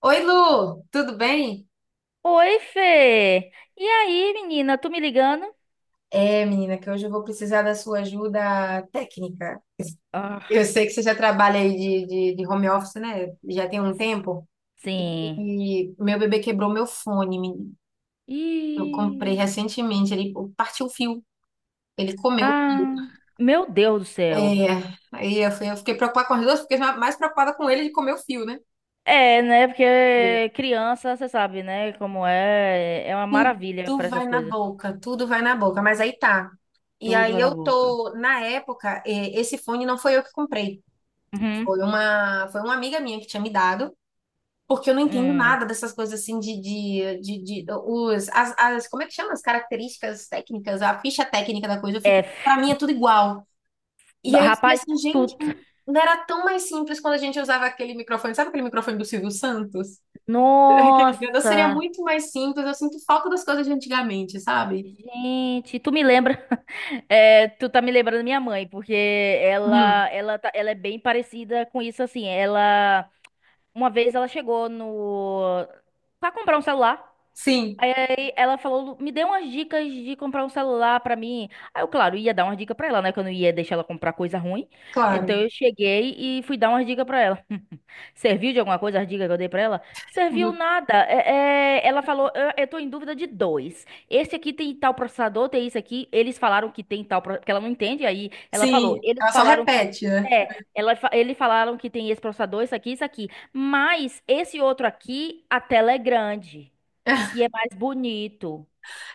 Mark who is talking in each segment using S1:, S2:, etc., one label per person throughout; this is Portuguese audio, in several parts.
S1: Oi, Lu, tudo bem?
S2: Oi, Fê! E aí, menina, tu me ligando?
S1: É, menina, que hoje eu vou precisar da sua ajuda técnica. Eu
S2: Ah,
S1: sei que você já trabalha aí de home office, né? Já tem um tempo.
S2: sim.
S1: E meu bebê quebrou meu fone, menina. Eu
S2: Ih.
S1: comprei recentemente, ele partiu o fio, ele comeu o fio.
S2: Ah, meu Deus do céu.
S1: É, eu fiquei preocupada com as duas, porque eu fiquei mais preocupada com ele de comer o fio, né?
S2: É, né? Porque criança, você sabe, né? Como é, é uma maravilha para
S1: Tudo vai
S2: essas
S1: na
S2: coisas.
S1: boca, tudo vai na boca, mas aí tá. E
S2: Tudo
S1: aí
S2: vai na
S1: eu
S2: boca.
S1: tô, na época, esse fone não foi eu que comprei.
S2: Uhum.
S1: Foi uma amiga minha que tinha me dado, porque eu não entendo
S2: Hum.
S1: nada dessas coisas assim os, as, como é que chama? As características técnicas, a ficha técnica da coisa. Eu
S2: É,
S1: fico, pra mim
S2: f-
S1: é tudo igual. E aí eu fiquei
S2: rapaz,
S1: assim, gente,
S2: tu.
S1: não era tão mais simples quando a gente usava aquele microfone. Sabe aquele microfone do Silvio Santos? Aquele grande, seria
S2: Nossa!
S1: muito mais simples. Eu sinto falta das coisas de antigamente, sabe?
S2: Gente, tu me lembra? É, tu tá me lembrando da minha mãe, porque ela,
S1: Uhum.
S2: ela, tá- ela é bem parecida com isso, assim. Ela. Uma vez ela chegou no... Pra comprar um celular.
S1: Sim,
S2: Aí ela falou, me dê umas dicas de comprar um celular pra mim. Aí eu, claro, ia dar umas dicas pra ela, né? Que eu não ia deixar ela comprar coisa ruim.
S1: claro.
S2: Então eu cheguei e fui dar umas dicas pra ela. Serviu de alguma coisa as dicas que eu dei pra ela? Serviu
S1: Uhum.
S2: nada. É, ela falou, eu tô em dúvida de dois. Esse aqui tem tal processador, tem isso aqui. Eles falaram que tem tal, porque ela não entende. Aí ela falou,
S1: Sim,
S2: eles
S1: ela só
S2: falaram que tem.
S1: repete, né?
S2: É, eles falaram que tem esse processador, isso aqui, isso aqui. Mas esse outro aqui, a tela é grande. E é mais bonito.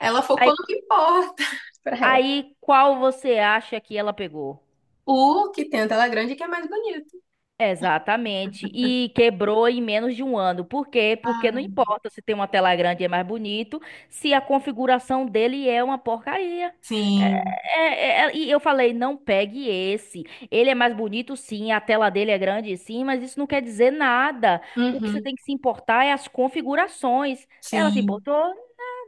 S1: Ela
S2: Aí,
S1: focou no que importa pra
S2: aí, qual você acha que ela pegou?
S1: o que tem a tela grande que é mais bonito.
S2: Exatamente. E quebrou em menos de um ano. Por quê? Porque
S1: Ah,
S2: não importa se tem uma tela grande e é mais bonito, se a configuração dele é uma porcaria. É-
S1: sim.
S2: é, e eu falei, não pegue esse. Ele é mais bonito, sim, a tela dele é grande, sim, mas isso não quer dizer nada. O que você
S1: Uhum,
S2: tem que se importar é as configurações. Ela se
S1: sim.
S2: importou?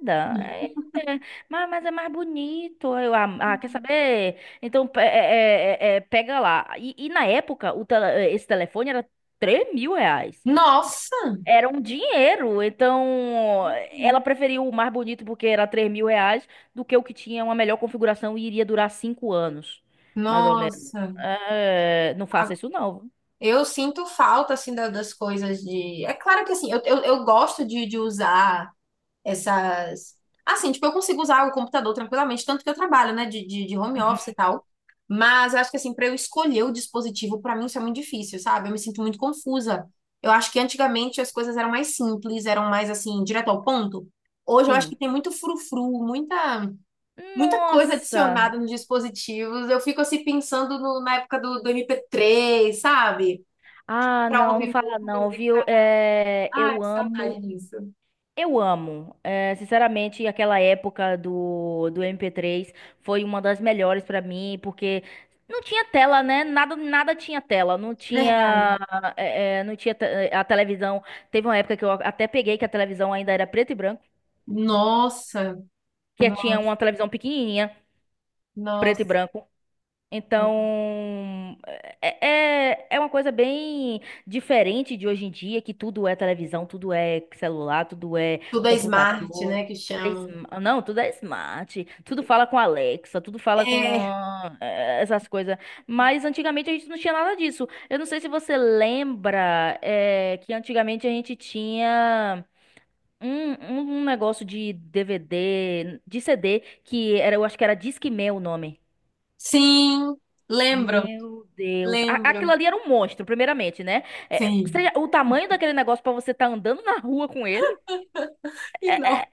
S2: Nada. É, é, é. Mas é mais bonito. Eu, ah, ah, quer saber? Então, pega lá. E na época, esse telefone era R$ 3.000.
S1: Nossa,
S2: Era um dinheiro. Então, ela preferiu o mais bonito porque era R$ 3.000 do que o que tinha uma melhor configuração e iria durar 5 anos, mais ou menos.
S1: nossa.
S2: É, não faça
S1: A-
S2: isso, não.
S1: Eu sinto falta, assim, da- das coisas de... É claro que, assim, eu gosto de usar essas. Assim, tipo, eu consigo usar o computador tranquilamente, tanto que eu trabalho, né, de home office e
S2: Uhum.
S1: tal. Mas eu acho que, assim, para eu escolher o dispositivo, para mim isso é muito difícil, sabe? Eu me sinto muito confusa. Eu acho que antigamente as coisas eram mais simples, eram mais, assim, direto ao ponto. Hoje eu acho
S2: Sim.
S1: que tem muito frufru, muita, muita coisa
S2: Nossa!
S1: adicionada nos dispositivos. Eu fico, assim, pensando no- na época do MP3, sabe?
S2: Ah,
S1: Para
S2: não, não
S1: ouvir
S2: fala não,
S1: música.
S2: viu? É,
S1: Ai,
S2: eu
S1: que
S2: amo.
S1: saudade disso.
S2: Eu amo. É, sinceramente, aquela época do MP3 foi uma das melhores pra mim, porque não tinha tela, né? Nada, nada tinha tela. Não
S1: Verdade.
S2: tinha, é, é, não tinha te- a televisão. Teve uma época que eu até peguei que a televisão ainda era preto e branco,
S1: Nossa,
S2: que
S1: no-
S2: tinha uma televisão pequenininha, preto e
S1: nossa.
S2: branco. Então, é, é uma coisa bem diferente de hoje em dia, que tudo é televisão, tudo é celular, tudo é
S1: Tudo é
S2: computador,
S1: smart, né, que chamam.
S2: não, tudo é smart, tudo fala com Alexa, tudo fala com
S1: É,
S2: essas coisas. Mas antigamente a gente não tinha nada disso. Eu não sei se você lembra, que antigamente a gente tinha. Um negócio de DVD, de CD, que era, eu acho que era Discman o nome.
S1: sim, lembro,
S2: Meu Deus. Aquilo
S1: lembro.
S2: ali era um monstro, primeiramente, né? É,
S1: Sim.
S2: seja, o tamanho daquele negócio pra você estar andando na rua com ele
S1: E não.
S2: é- é-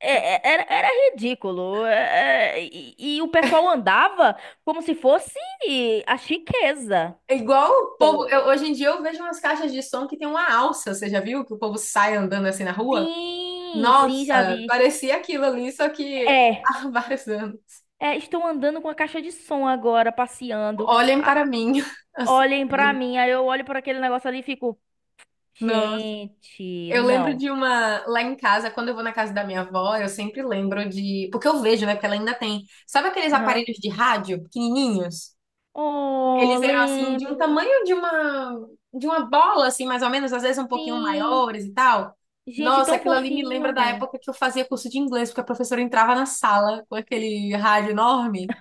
S2: era ridículo. E o pessoal andava como se fosse a chiqueza.
S1: É igual o povo.
S2: Tô.
S1: Hoje em dia eu vejo umas caixas de som que tem uma alça. Você já viu que o povo sai andando assim na rua?
S2: Sim, sim, já
S1: Nossa,
S2: vi.
S1: parecia aquilo ali, só que
S2: É.
S1: há vários anos.
S2: É, estou andando com a caixa de som agora, passeando.
S1: Olhem para
S2: Ah,
S1: mim. Assim,
S2: olhem pra
S1: mesmo.
S2: mim. Aí eu olho para aquele negócio ali e fico,
S1: Nossa.
S2: gente,
S1: Eu lembro
S2: não.
S1: de uma lá em casa, quando eu vou na casa da minha avó, eu sempre lembro de. Porque eu vejo, né? Porque ela ainda tem. Sabe aqueles
S2: Aham.
S1: aparelhos de rádio pequenininhos?
S2: Oh,
S1: Eles eram assim de um
S2: lembro.
S1: tamanho de uma bola assim, mais ou menos, às vezes um pouquinho
S2: Sim,
S1: maiores e tal.
S2: gente,
S1: Nossa,
S2: tão
S1: aquilo ali me lembra da
S2: fofinho.
S1: época que eu fazia curso de inglês, porque a professora entrava na sala com aquele rádio enorme.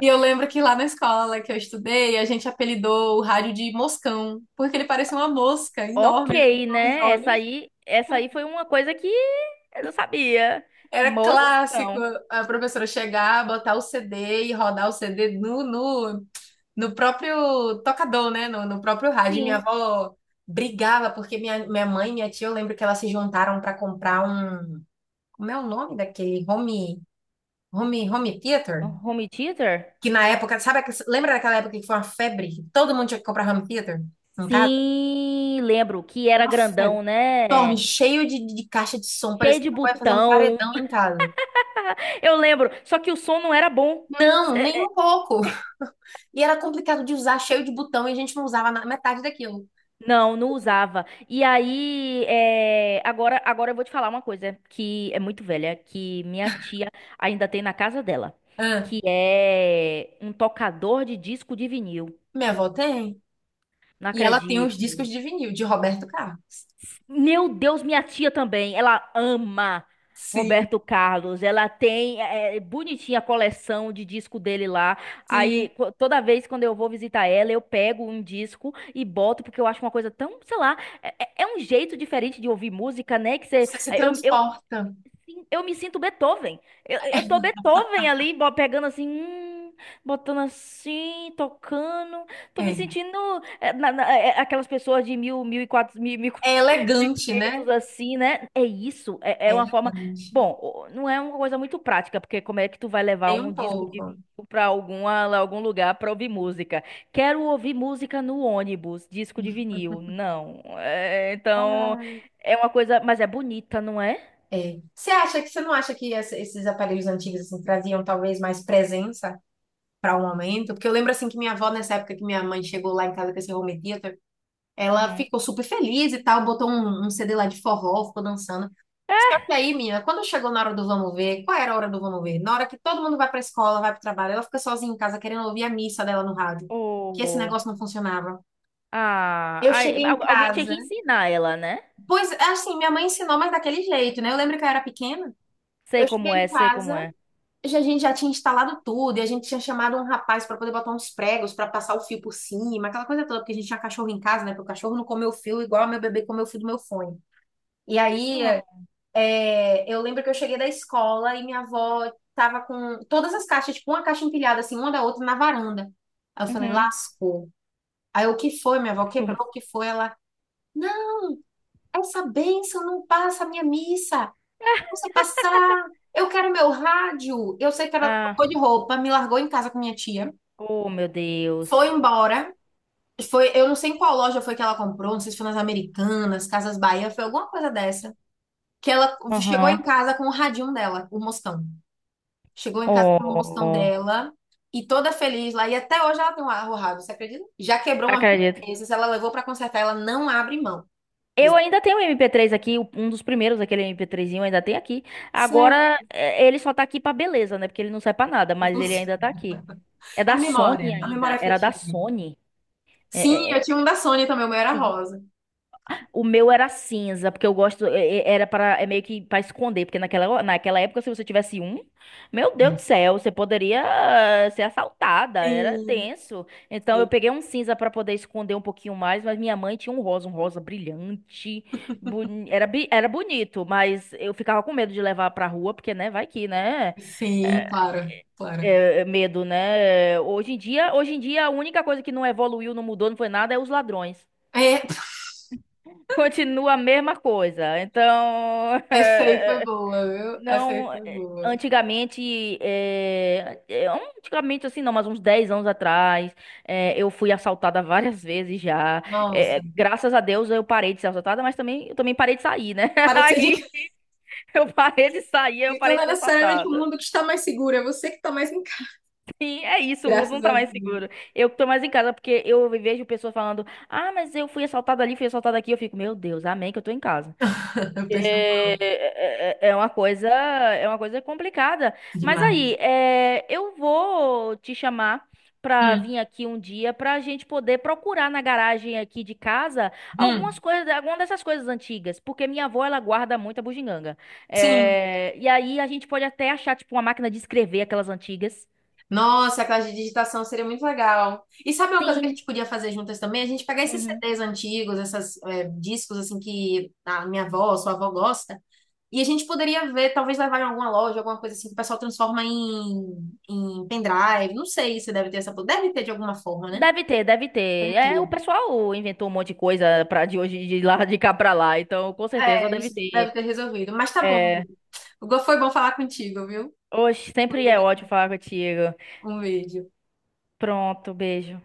S1: E eu lembro que lá na escola que eu estudei, a gente apelidou o rádio de moscão, porque ele parecia uma mosca
S2: Ok,
S1: enorme assim, com os
S2: né? Essa
S1: olhos.
S2: aí, essa aí foi uma coisa que eu não sabia.
S1: Era clássico
S2: Moção.
S1: a professora chegar, botar o CD e rodar o CD no próprio tocador, né? No próprio rádio. E minha
S2: Sim.
S1: avó brigava porque minha mãe e minha tia, eu lembro que elas se juntaram para comprar um. Como é o nome daquele? Home theater?
S2: Home Theater?
S1: Que na época, sabe, lembra daquela época que foi uma febre? Que todo mundo tinha que comprar home theater em casa?
S2: Sim, lembro que era
S1: Uma febre
S2: grandão,
S1: enorme,
S2: né?
S1: cheio de, de caixa de som,
S2: Cheio
S1: parecia
S2: de
S1: que ia fazer um
S2: botão.
S1: paredão em casa.
S2: Eu lembro, só que o som não era bom.
S1: Não, nem um pouco. E era complicado de usar, cheio de botão, e a gente não usava na metade daquilo.
S2: Não, não usava. E aí, é, agora eu vou te falar uma coisa que é muito velha, que minha tia ainda tem na casa dela,
S1: Ah,
S2: que é um tocador de disco de vinil.
S1: minha avó tem.
S2: Não
S1: E ela tem
S2: acredito.
S1: os discos de vinil de Roberto Carlos.
S2: Meu Deus, minha tia também. Ela ama
S1: Sim,
S2: Roberto Carlos. Ela tem bonitinha a coleção de disco dele lá.
S1: sim.
S2: Aí toda vez quando eu vou visitar ela, eu pego um disco e boto, porque eu acho uma coisa tão, sei lá, é um jeito diferente de ouvir música, né? Que você,
S1: Você se
S2: eu, eu,
S1: transporta.
S2: sim, eu me sinto Beethoven. Eu tô Beethoven ali, pegando assim, botando assim, tocando. Tô me
S1: É.
S2: sentindo aquelas pessoas de
S1: É
S2: mil e
S1: elegante, né?
S2: quinhentos, assim, né? É isso. É,
S1: É
S2: é uma forma.
S1: elegante.
S2: Bom, não é uma coisa muito prática, porque como é que tu vai levar
S1: Tem
S2: um
S1: um
S2: disco de vinil
S1: pouco.
S2: pra algum lugar pra ouvir música? Quero ouvir música no ônibus, disco de vinil. Não. É, então,
S1: Ah,
S2: é uma coisa, mas é bonita, não é?
S1: é. Você acha que você não acha que esses aparelhos antigos assim, traziam talvez mais presença para o momento? Porque eu lembro assim que minha avó, nessa época que minha mãe chegou lá em casa com esse home ela
S2: Uhum.
S1: ficou super feliz e tal, botou um, um CD lá de forró, ficou dançando. Só que aí, menina, quando chegou na hora do vamos ver, qual era a hora do vamos ver? Na hora que todo mundo vai pra escola, vai pro trabalho, ela fica sozinha em casa querendo ouvir a missa dela no rádio, que esse
S2: Oh.
S1: negócio não funcionava.
S2: Ah,
S1: Eu
S2: ai,
S1: cheguei em
S2: alguém tinha
S1: casa,
S2: que ensinar ela, né?
S1: pois assim, minha mãe ensinou, mas daquele jeito, né? Eu lembro que eu era pequena,
S2: Sei
S1: eu cheguei
S2: como é,
S1: em
S2: sei como
S1: casa,
S2: é.
S1: a gente já tinha instalado tudo, e a gente tinha chamado um rapaz para poder botar uns pregos para passar o fio por cima, aquela coisa toda, porque a gente tinha cachorro em casa, né? Porque o cachorro não comeu o fio igual meu bebê comeu o fio do meu fone. E aí,
S2: Ah,
S1: é, eu lembro que eu cheguei da escola e minha avó tava com todas as caixas, tipo, uma caixa empilhada, assim, uma da outra na varanda. Aí eu falei,
S2: uhum.
S1: lascou. Aí eu, o que foi? Minha avó
S2: Nossa.
S1: quebrou, o que foi? Ela, não, essa bênção não passa a minha missa. Eu não sei passar. Eu quero meu rádio. Eu sei que ela
S2: Ah,
S1: trocou de roupa, me largou em casa com minha tia,
S2: oh, meu Deus.
S1: foi embora. Foi, eu não sei em qual loja foi que ela comprou, não sei se foi nas Americanas, Casas Bahia, foi alguma coisa dessa. Que ela chegou em
S2: Aham.
S1: casa com o radinho dela, o Mostão. Chegou em casa com a promoção
S2: Oh,
S1: dela e toda feliz lá. E até hoje ela tem um arrorrado, você acredita? Já quebrou umas duas
S2: acredito.
S1: vezes, ela levou pra consertar, ela não abre mão.
S2: Eu ainda tenho o MP3 aqui, um dos primeiros, aquele MP3zinho, ainda tem aqui.
S1: Sério,
S2: Agora, é, ele só tá aqui pra beleza, né? Porque ele não serve pra nada, mas ele
S1: inclusive.
S2: ainda tá aqui. É
S1: A
S2: da Sony
S1: memória, a memória
S2: ainda, era da
S1: afetiva.
S2: Sony.
S1: Sim,
S2: É, é,
S1: eu
S2: é,
S1: tinha um da Sônia também, o meu era
S2: sim.
S1: rosa.
S2: O meu era cinza, porque eu gosto, era para é meio que para esconder, porque naquela época se você tivesse um, meu Deus do céu, você poderia ser assaltada, era
S1: Sim,
S2: tenso. Então eu
S1: sim,
S2: peguei um cinza para poder esconder um pouquinho mais, mas minha mãe tinha um rosa brilhante, era bonito, mas eu ficava com medo de levar pra rua, porque né, vai que, né?
S1: sim,
S2: É,
S1: claro, claro.
S2: é, medo, né? Hoje em dia, a única coisa que não evoluiu, não mudou, não foi nada, é os ladrões.
S1: É,
S2: Continua a mesma coisa. Então,
S1: essa aí foi boa, viu? Essa aí
S2: não.
S1: foi
S2: eh,
S1: boa.
S2: Antigamente, eh, eh, antigamente assim, não, mas uns 10 anos atrás, eu fui assaltada várias vezes já.
S1: Nossa,
S2: Graças a Deus eu parei de ser assaltada, mas também, eu também parei de sair, né?
S1: para de ser de
S2: Aí
S1: casa.
S2: eu parei de sair, eu
S1: Então
S2: parei
S1: não
S2: de
S1: é
S2: ser
S1: necessariamente o
S2: assaltada.
S1: mundo que está mais seguro, é você que está mais em casa.
S2: Sim, é isso, o mundo não
S1: Graças
S2: tá
S1: a
S2: mais
S1: Deus.
S2: seguro. Eu tô mais em casa porque eu vejo pessoas falando: ah, mas eu fui assaltada ali, fui assaltada aqui. Eu fico, meu Deus, amém que eu tô em casa.
S1: Eu penso
S2: É, uma coisa, é uma coisa complicada. Mas aí,
S1: demais.
S2: é, eu vou te chamar pra vir aqui um dia pra gente poder procurar na garagem aqui de casa algumas
S1: Hum,
S2: coisas, alguma dessas coisas antigas, porque minha avó ela guarda muita bugiganga.
S1: sim.
S2: É, e aí a gente pode até achar tipo uma máquina de escrever aquelas antigas.
S1: Nossa, a classe de digitação seria muito legal. E sabe uma coisa que a
S2: Sim.
S1: gente podia fazer juntas também? A gente pegar esses
S2: Uhum.
S1: CDs antigos, esses discos assim que a minha avó, sua avó gosta, e a gente poderia ver, talvez levar em alguma loja, alguma coisa assim que o pessoal transforma em, em pendrive. Não sei se deve ter essa. Deve ter de alguma forma, né?
S2: Deve ter, deve ter.
S1: Deve
S2: É, o
S1: ter.
S2: pessoal inventou um monte de coisa para de hoje de lá de cá pra lá, então com certeza
S1: É,
S2: deve
S1: isso
S2: ter.
S1: deve ter resolvido. Mas tá bom.
S2: é,
S1: Foi bom falar contigo, viu?
S2: Oxe, sempre é ótimo falar contigo.
S1: Um beijo.
S2: Pronto, beijo.